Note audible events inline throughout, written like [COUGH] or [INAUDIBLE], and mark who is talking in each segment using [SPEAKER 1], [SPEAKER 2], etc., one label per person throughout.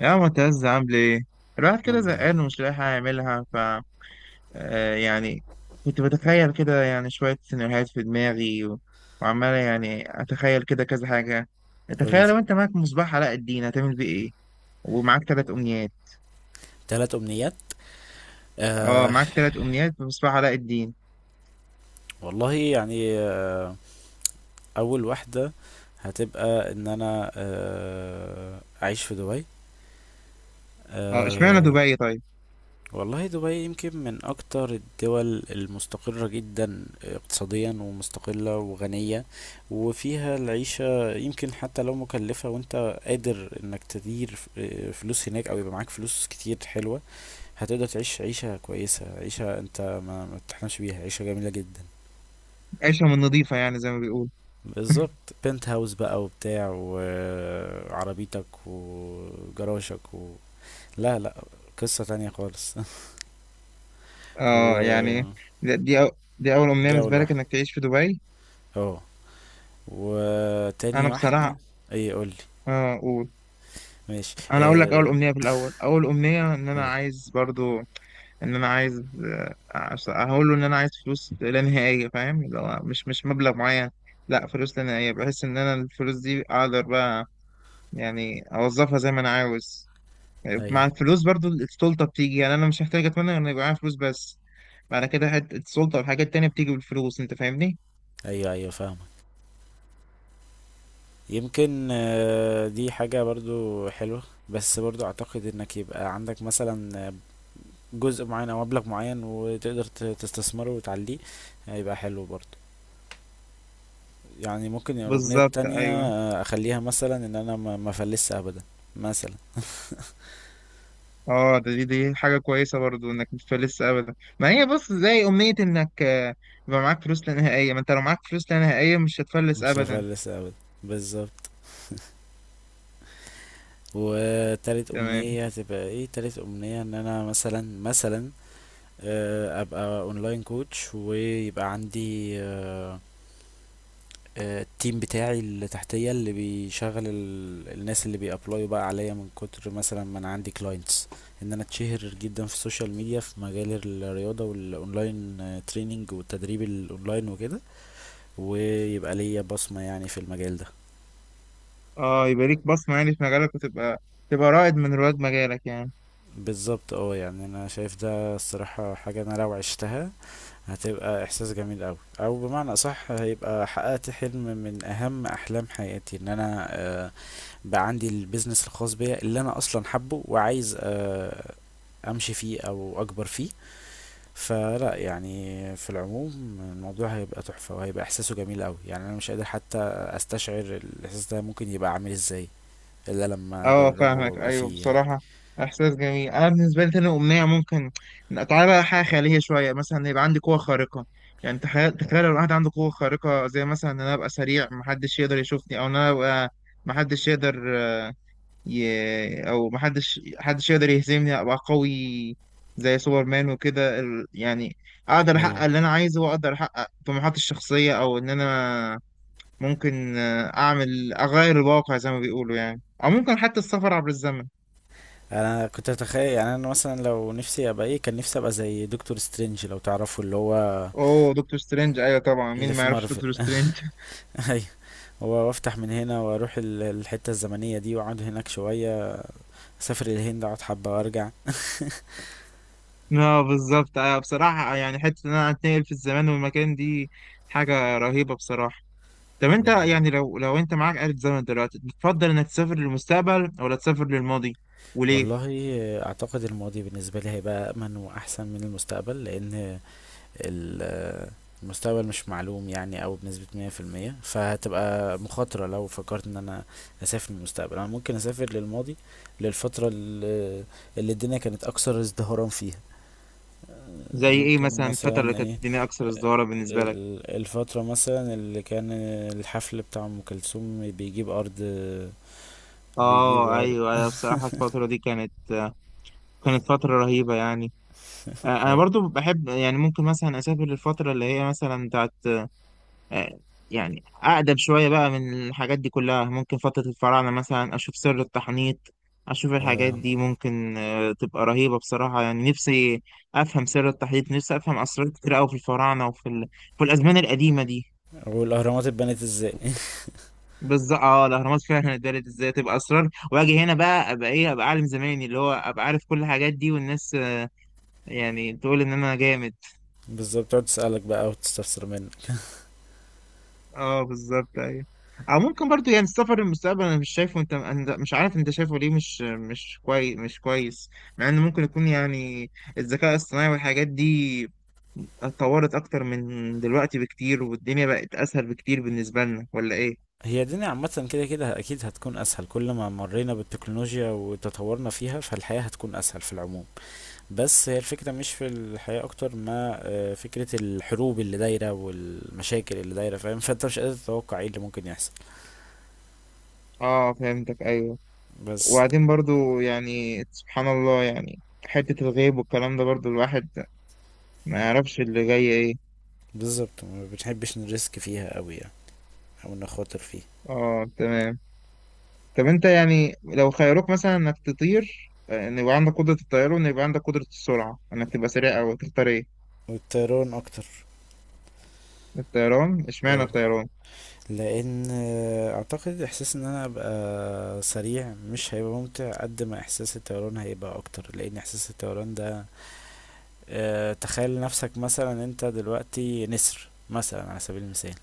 [SPEAKER 1] يا معتز، عامل ايه؟ الواحد كده
[SPEAKER 2] الحمد لله.
[SPEAKER 1] زهقان ومش لاقي حاجة يعملها. ف آه، يعني كنت بتخيل كده، يعني، شوية سيناريوهات في دماغي وعمال، يعني، أتخيل كده كذا حاجة.
[SPEAKER 2] قول.
[SPEAKER 1] تخيل لو أنت معاك مصباح علاء الدين هتعمل بيه ايه؟ ومعاك تلات أمنيات.
[SPEAKER 2] 3 امنيات.
[SPEAKER 1] اه،
[SPEAKER 2] آه
[SPEAKER 1] معاك تلات أمنيات بمصباح علاء الدين.
[SPEAKER 2] والله يعني اول واحده هتبقى ان انا اعيش في دبي.
[SPEAKER 1] اه، اشمعنى
[SPEAKER 2] آه
[SPEAKER 1] دبي طيب؟
[SPEAKER 2] والله دبي يمكن من اكتر الدول المستقره جدا اقتصاديا ومستقله وغنيه، وفيها العيشه يمكن حتى لو مكلفه، وانت قادر انك تدير فلوس هناك او يبقى معاك فلوس كتير حلوه. هتقدر تعيش عيشه كويسه، عيشه انت ما تحلمش بيها، عيشه جميله جدا.
[SPEAKER 1] عيشة من نظيفة، يعني، زي ما بيقول. [LAUGHS]
[SPEAKER 2] بالظبط. بنت هاوس بقى وبتاع وعربيتك وجراشك و... لا لا، قصة تانية خالص [LAUGHS]
[SPEAKER 1] اه، يعني،
[SPEAKER 2] وجو.
[SPEAKER 1] دي دي, أو... دي أول أمنية بالنسبة
[SPEAKER 2] لوحده.
[SPEAKER 1] لك إنك تعيش في دبي؟
[SPEAKER 2] اه.
[SPEAKER 1] أنا
[SPEAKER 2] وتاني واحدة.
[SPEAKER 1] بصراحة.
[SPEAKER 2] اي قولي.
[SPEAKER 1] اه، قول.
[SPEAKER 2] ماشي
[SPEAKER 1] انا اقول لك اول امنيه في الاول، اول امنيه ان انا
[SPEAKER 2] قول.
[SPEAKER 1] عايز برضو. ان انا عايز آه، أص- هقول له ان انا عايز فلوس لا نهائيه، فاهم؟ اللي هو مش مبلغ معين، لا، فلوس لا نهائيه. بحس ان انا الفلوس دي اقدر بقى، يعني، اوظفها زي ما انا عاوز.
[SPEAKER 2] اي.
[SPEAKER 1] مع الفلوس برضو السلطه بتيجي، يعني، انا مش محتاج اتمنى ان يبقى معايا فلوس بس. بعد كده حته السلطه والحاجات التانيه بتيجي بالفلوس، انت فاهمني؟
[SPEAKER 2] ايوه ايوه فاهمك. يمكن دي حاجة برضو حلوة، بس برضو اعتقد انك يبقى عندك مثلا جزء معين او مبلغ معين وتقدر تستثمره وتعليه، هيبقى حلو برضو. يعني ممكن يعني الأغنية
[SPEAKER 1] بالظبط،
[SPEAKER 2] التانية،
[SPEAKER 1] ايوه.
[SPEAKER 2] أخليها مثلا إن أنا ما أفلسش أبدا، مثلا.
[SPEAKER 1] اه، ده دي دي حاجة كويسة برضو، انك مش فلس ابدا. ما هي بص، زي امنية انك يبقى معاك فلوس لا نهائية، ما انت لو معاك فلوس لا نهائية مش هتفلس
[SPEAKER 2] مش
[SPEAKER 1] ابدا.
[SPEAKER 2] هفلس أبدا، بالظبط. وتالت
[SPEAKER 1] تمام.
[SPEAKER 2] أمنية هتبقى إيه؟ تالت أمنية إن أنا مثلا، مثلا أبقى أونلاين كوتش، ويبقى عندي التيم بتاعي اللي تحتية، اللي بيشغل الناس اللي بيأبلايوا بقى عليا من كتر مثلا ما أنا عندي كلاينتس. إن أنا أتشهر جدا في السوشيال ميديا في مجال الرياضة والأونلاين تريننج، والتدريب الأونلاين وكده. ويبقى ليا بصمة يعني في المجال ده.
[SPEAKER 1] اه، يبقى ليك بصمة، يعني، في مجالك، وتبقى رائد من رواد مجالك يعني.
[SPEAKER 2] بالظبط، اه. يعني انا شايف ده الصراحة حاجة انا لو عشتها هتبقى احساس جميل اوي، او بمعنى اصح هيبقى حققت حلم من اهم احلام حياتي، ان انا بقى عندي البيزنس الخاص بيا اللي انا اصلا حبه وعايز امشي فيه او اكبر فيه. فلا، يعني في العموم الموضوع هيبقى تحفة، وهيبقى احساسه جميل اوي، يعني انا مش قادر حتى استشعر الاحساس ده ممكن يبقى عامل ازاي الا لما
[SPEAKER 1] اه،
[SPEAKER 2] اجربه، فاهمك،
[SPEAKER 1] فاهمك،
[SPEAKER 2] وابقى
[SPEAKER 1] ايوه
[SPEAKER 2] فيه يعني.
[SPEAKER 1] بصراحة. احساس جميل. انا بالنسبة لي تاني امنية ممكن، تعالى بقى حاجة خيالية شوية، مثلا يبقى عندي قوة خارقة. يعني تخيل، تخيل لو واحد عنده قوة خارقة، زي مثلا ان انا ابقى سريع محدش يقدر يشوفني، او ان انا ابقى محدش يقدر يهزمني، ابقى قوي زي سوبرمان وكده، يعني اقدر
[SPEAKER 2] ايوه.
[SPEAKER 1] احقق اللي انا عايزه واقدر احقق طموحاتي الشخصية. او ان انا ممكن اغير الواقع زي ما بيقولوا، يعني، او ممكن حتى السفر عبر الزمن.
[SPEAKER 2] انا كنت اتخيل يعني انا مثلا لو نفسي ابقى ايه، كان نفسي ابقى زي دكتور سترينج، لو تعرفوا اللي هو
[SPEAKER 1] اوه، دكتور سترينج، ايوه طبعا،
[SPEAKER 2] اللي
[SPEAKER 1] مين ما
[SPEAKER 2] في
[SPEAKER 1] يعرفش
[SPEAKER 2] مارفل
[SPEAKER 1] دكتور
[SPEAKER 2] [LAUGHS]
[SPEAKER 1] سترينج؟ [LAUGHS]
[SPEAKER 2] ايوه، هو، وافتح من هنا واروح الحتة الزمنية دي واقعد هناك شوية، اسافر الهند، اقعد حبة وارجع.
[SPEAKER 1] اه، بالظبط، ايوه بصراحة. يعني حتة ان انا اتنقل في الزمان والمكان دي حاجة رهيبة بصراحة. طب انت،
[SPEAKER 2] يعني
[SPEAKER 1] يعني، لو انت معاك آلة زمن دلوقتي، بتفضل انك تسافر للمستقبل ولا تسافر للماضي؟ وليه؟
[SPEAKER 2] والله، اعتقد الماضي بالنسبة لي هيبقى امن واحسن من المستقبل لان ال- المستقبل مش معلوم يعني أوي بنسبة 100%، فهتبقى مخاطرة لو فكرت ان انا اسافر للمستقبل. انا ممكن اسافر للماضي، للفترة اللي، اللي الدنيا كانت اكثر ازدهارا فيها.
[SPEAKER 1] زي ايه
[SPEAKER 2] ممكن
[SPEAKER 1] مثلا الفترة اللي
[SPEAKER 2] مثلا
[SPEAKER 1] كانت
[SPEAKER 2] ايه،
[SPEAKER 1] الدنيا اكثر ازدهارا بالنسبة لك؟
[SPEAKER 2] الفترة مثلا اللي كان الحفل بتاع ام كلثوم بيجيب ارض، بيجيب
[SPEAKER 1] اه،
[SPEAKER 2] ارض.
[SPEAKER 1] ايوه، انا بصراحة الفترة دي كانت فترة رهيبة يعني. انا
[SPEAKER 2] اي
[SPEAKER 1] برضو بحب، يعني، ممكن مثلا اسافر للفترة اللي هي مثلا بتاعت، آه، يعني، أقدم شوية بقى من الحاجات دي كلها. ممكن فترة الفراعنة مثلا، أشوف سر التحنيط، أشوف الحاجات
[SPEAKER 2] آه.
[SPEAKER 1] دي ممكن تبقى رهيبة بصراحة. يعني نفسي أفهم سر التحنيط، نفسي أفهم أسرار كتير أوي في الفراعنة في الأزمان القديمة دي.
[SPEAKER 2] والاهرامات اتبنت ازاي [LAUGHS]
[SPEAKER 1] بالظبط، اه الأهرامات فعلا اتدارت ازاي، تبقى أسرار، وأجي هنا بقى أبقى إيه، أبقى عالم زماني اللي هو أبقى عارف كل الحاجات دي، والناس يعني تقول إن أنا جامد.
[SPEAKER 2] بالظبط، تقعد تسألك بقى وتستفسر منه.
[SPEAKER 1] اه، بالظبط، ايوه. او ممكن برضو، يعني، السفر للمستقبل انا مش شايفه، انت، مش عارف انت شايفه ليه، مش كويس، مش كويس. مع انه ممكن يكون، يعني، الذكاء الاصطناعي والحاجات دي اتطورت اكتر من دلوقتي بكتير، والدنيا بقت اسهل بكتير بالنسبة لنا، ولا ايه؟
[SPEAKER 2] هي الدنيا عامة كده كده أكيد هتكون أسهل، كل ما مرينا بالتكنولوجيا وتطورنا فيها فالحياة هتكون أسهل في العموم. بس هي الفكرة مش في الحياة أكتر ما فكرة الحروب اللي دايرة والمشاكل اللي دايرة، فاهم، فأنت مش قادر تتوقع ايه اللي ممكن يحصل.
[SPEAKER 1] اه، فهمتك ايوه.
[SPEAKER 2] بس
[SPEAKER 1] وبعدين برضو، يعني، سبحان الله، يعني، حتة الغيب والكلام ده برضو الواحد ما يعرفش اللي جاي ايه.
[SPEAKER 2] بالظبط، ما بنحبش نريسك فيها أوي يعني، أو نخاطر فيه.
[SPEAKER 1] اه، تمام. طب انت، يعني، لو خيروك مثلا انك تطير، ان يبقى عندك قدرة الطيران، وان يبقى عندك قدرة السرعة انك تبقى سريع، او تختار ايه؟
[SPEAKER 2] والطيران أكتر.
[SPEAKER 1] الطيران، اشمعنى
[SPEAKER 2] اه،
[SPEAKER 1] الطيران؟
[SPEAKER 2] لأن أعتقد إحساس إن أنا أبقى سريع مش هيبقى ممتع قد ما إحساس الطيران هيبقى أكتر، لأن إحساس الطيران ده تخيل نفسك مثلا انت دلوقتي نسر مثلا على سبيل المثال.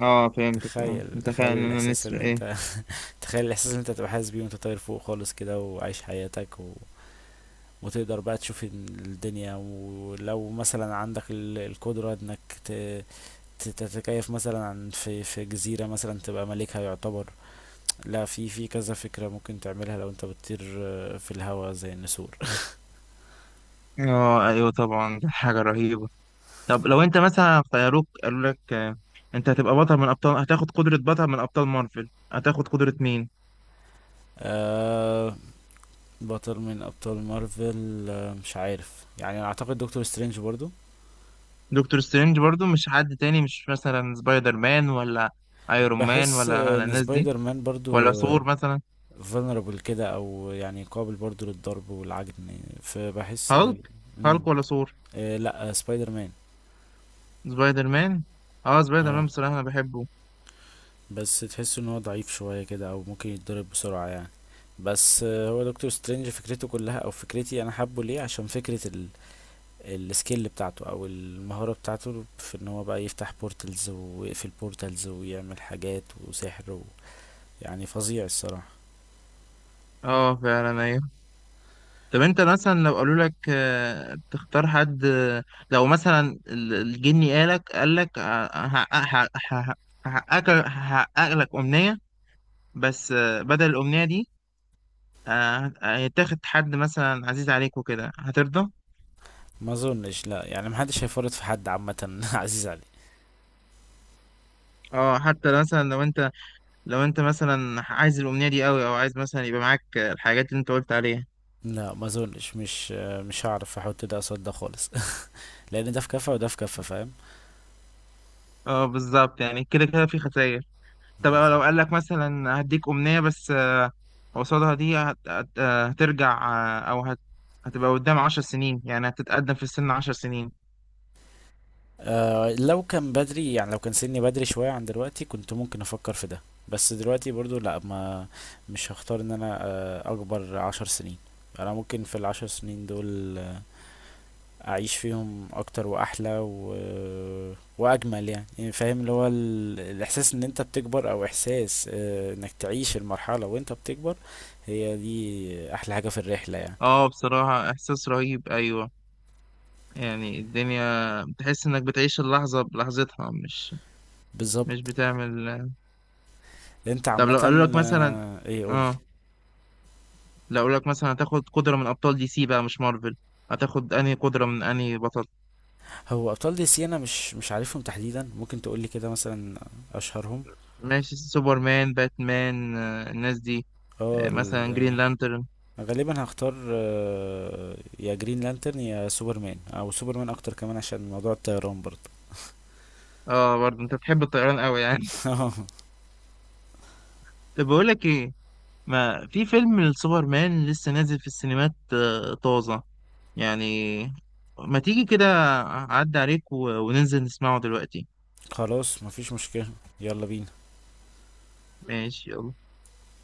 [SPEAKER 1] اه، فهمتك. اه،
[SPEAKER 2] تخيل
[SPEAKER 1] انت
[SPEAKER 2] تخيل
[SPEAKER 1] فعلا، انا
[SPEAKER 2] الاحساس
[SPEAKER 1] نسر
[SPEAKER 2] اللي
[SPEAKER 1] ايه؟
[SPEAKER 2] انت [LAUGHS] تخيل الاحساس اللي انت تبقى حاسس بيه وانت طاير فوق خالص كده وعايش حياتك و... وتقدر بقى تشوف الدنيا، ولو مثلا عندك القدرة انك ت... تتكيف مثلا عن في في جزيرة مثلا تبقى ملكها يعتبر. لا، في في كذا فكرة ممكن تعملها لو انت بتطير في الهواء زي النسور [LAUGHS]
[SPEAKER 1] اه، ايوه طبعا، دي حاجة رهيبة. طب لو انت مثلا خيروك، قالوا لك انت هتبقى بطل من ابطال، هتاخد قدرة بطل من ابطال مارفل، هتاخد قدرة مين؟
[SPEAKER 2] آه. بطل من ابطال مارفل مش عارف، يعني اعتقد دكتور سترينج برضو.
[SPEAKER 1] دكتور سترينج برضو؟ مش حد تاني، مش مثلا سبايدر مان، ولا ايرون مان،
[SPEAKER 2] بحس
[SPEAKER 1] ولا ولا
[SPEAKER 2] ان
[SPEAKER 1] الناس دي؟
[SPEAKER 2] سبايدر مان
[SPEAKER 1] ولا
[SPEAKER 2] برضو
[SPEAKER 1] ثور مثلا؟
[SPEAKER 2] فولنربل كده، او يعني قابل برضو للضرب والعجن، فبحس.
[SPEAKER 1] هالك.
[SPEAKER 2] مم.
[SPEAKER 1] هالك ولا ثور؟
[SPEAKER 2] لا، سبايدر مان.
[SPEAKER 1] سبايدر مان. اه سبايدر
[SPEAKER 2] اه
[SPEAKER 1] مان، بصراحة انا بحبه.
[SPEAKER 2] بس تحس ان هو ضعيف شوية كده، او ممكن يتضرب بسرعة يعني. بس هو دكتور سترينج فكرته كلها او فكرتي انا حابه ليه عشان فكرة السكيل بتاعته او المهارة بتاعته في ان هو بقى يفتح بورتلز ويقفل بورتلز ويعمل حاجات وسحر و... يعني فظيع الصراحة.
[SPEAKER 1] اه، فعلا ايوه. طب انت مثلا لو قالوا لك تختار حد، لو مثلا الجني قالك هحقق لك أمنية، بس بدل الأمنية دي، هيتاخد حد مثلا عزيز عليك وكده، هترضى؟
[SPEAKER 2] ما اظنش، لا يعني محدش هيفرط في حد عامة [LAUGHS] عزيز عليه.
[SPEAKER 1] اه، حتى مثلا لو انت، مثلا عايز الأمنية دي قوي، او عايز مثلا يبقى معاك الحاجات اللي انت قلت عليها؟
[SPEAKER 2] لا ما اظنش، مش هعرف احط ده قصاد ده خالص [LAUGHS] لان ده في كفه وده في كفه، فاهم.
[SPEAKER 1] اه، بالظبط، يعني كده كده في خسائر. طب لو قال لك مثلا هديك أمنية، بس قصادها دي هت... هت... آه، هترجع، أو هتبقى قدام 10 سنين، يعني هتتقدم في السن 10 سنين.
[SPEAKER 2] آه، لو كان بدري، يعني لو كان سني بدري شويه عن دلوقتي كنت ممكن افكر في ده. بس دلوقتي برضو لا، ما مش هختار ان انا اكبر 10 سنين. انا ممكن في ال10 سنين دول آه اعيش فيهم اكتر واحلى و... واجمل يعني. يعني فاهم اللي هو الاحساس ان انت بتكبر، او احساس انك تعيش المرحلة وانت بتكبر، هي دي احلى حاجة في الرحلة يعني.
[SPEAKER 1] اه، بصراحة إحساس رهيب، أيوة. يعني الدنيا، بتحس إنك بتعيش اللحظة بلحظتها، مش
[SPEAKER 2] بالظبط.
[SPEAKER 1] بتعمل.
[SPEAKER 2] انت
[SPEAKER 1] طب لو قالوا
[SPEAKER 2] عامة
[SPEAKER 1] لك مثلا،
[SPEAKER 2] ايه؟ قولي.
[SPEAKER 1] اه هتاخد قدرة من أبطال DC بقى، مش مارفل، هتاخد أنهي قدرة من أنهي بطل؟
[SPEAKER 2] هو ابطال دي سي انا مش عارفهم تحديدا، ممكن تقولي كده مثلا اشهرهم.
[SPEAKER 1] ماشي، سوبرمان، باتمان، الناس دي،
[SPEAKER 2] اه
[SPEAKER 1] مثلا جرين لانترن.
[SPEAKER 2] غالبا هختار، يا جرين لانترن يا سوبرمان، او سوبرمان اكتر كمان عشان موضوع الطيران برضه
[SPEAKER 1] اه، برضه انت بتحب الطيران قوي يعني.
[SPEAKER 2] [LAUGHS]
[SPEAKER 1] [LAUGHS] طب بقول لك ايه، ما في فيلم السوبرمان لسه نازل في السينمات، طازة يعني. ما تيجي كده، اعدي عليك وننزل نسمعه دلوقتي.
[SPEAKER 2] خلاص مفيش مشكلة. يلا بينا.
[SPEAKER 1] ماشي، يلا.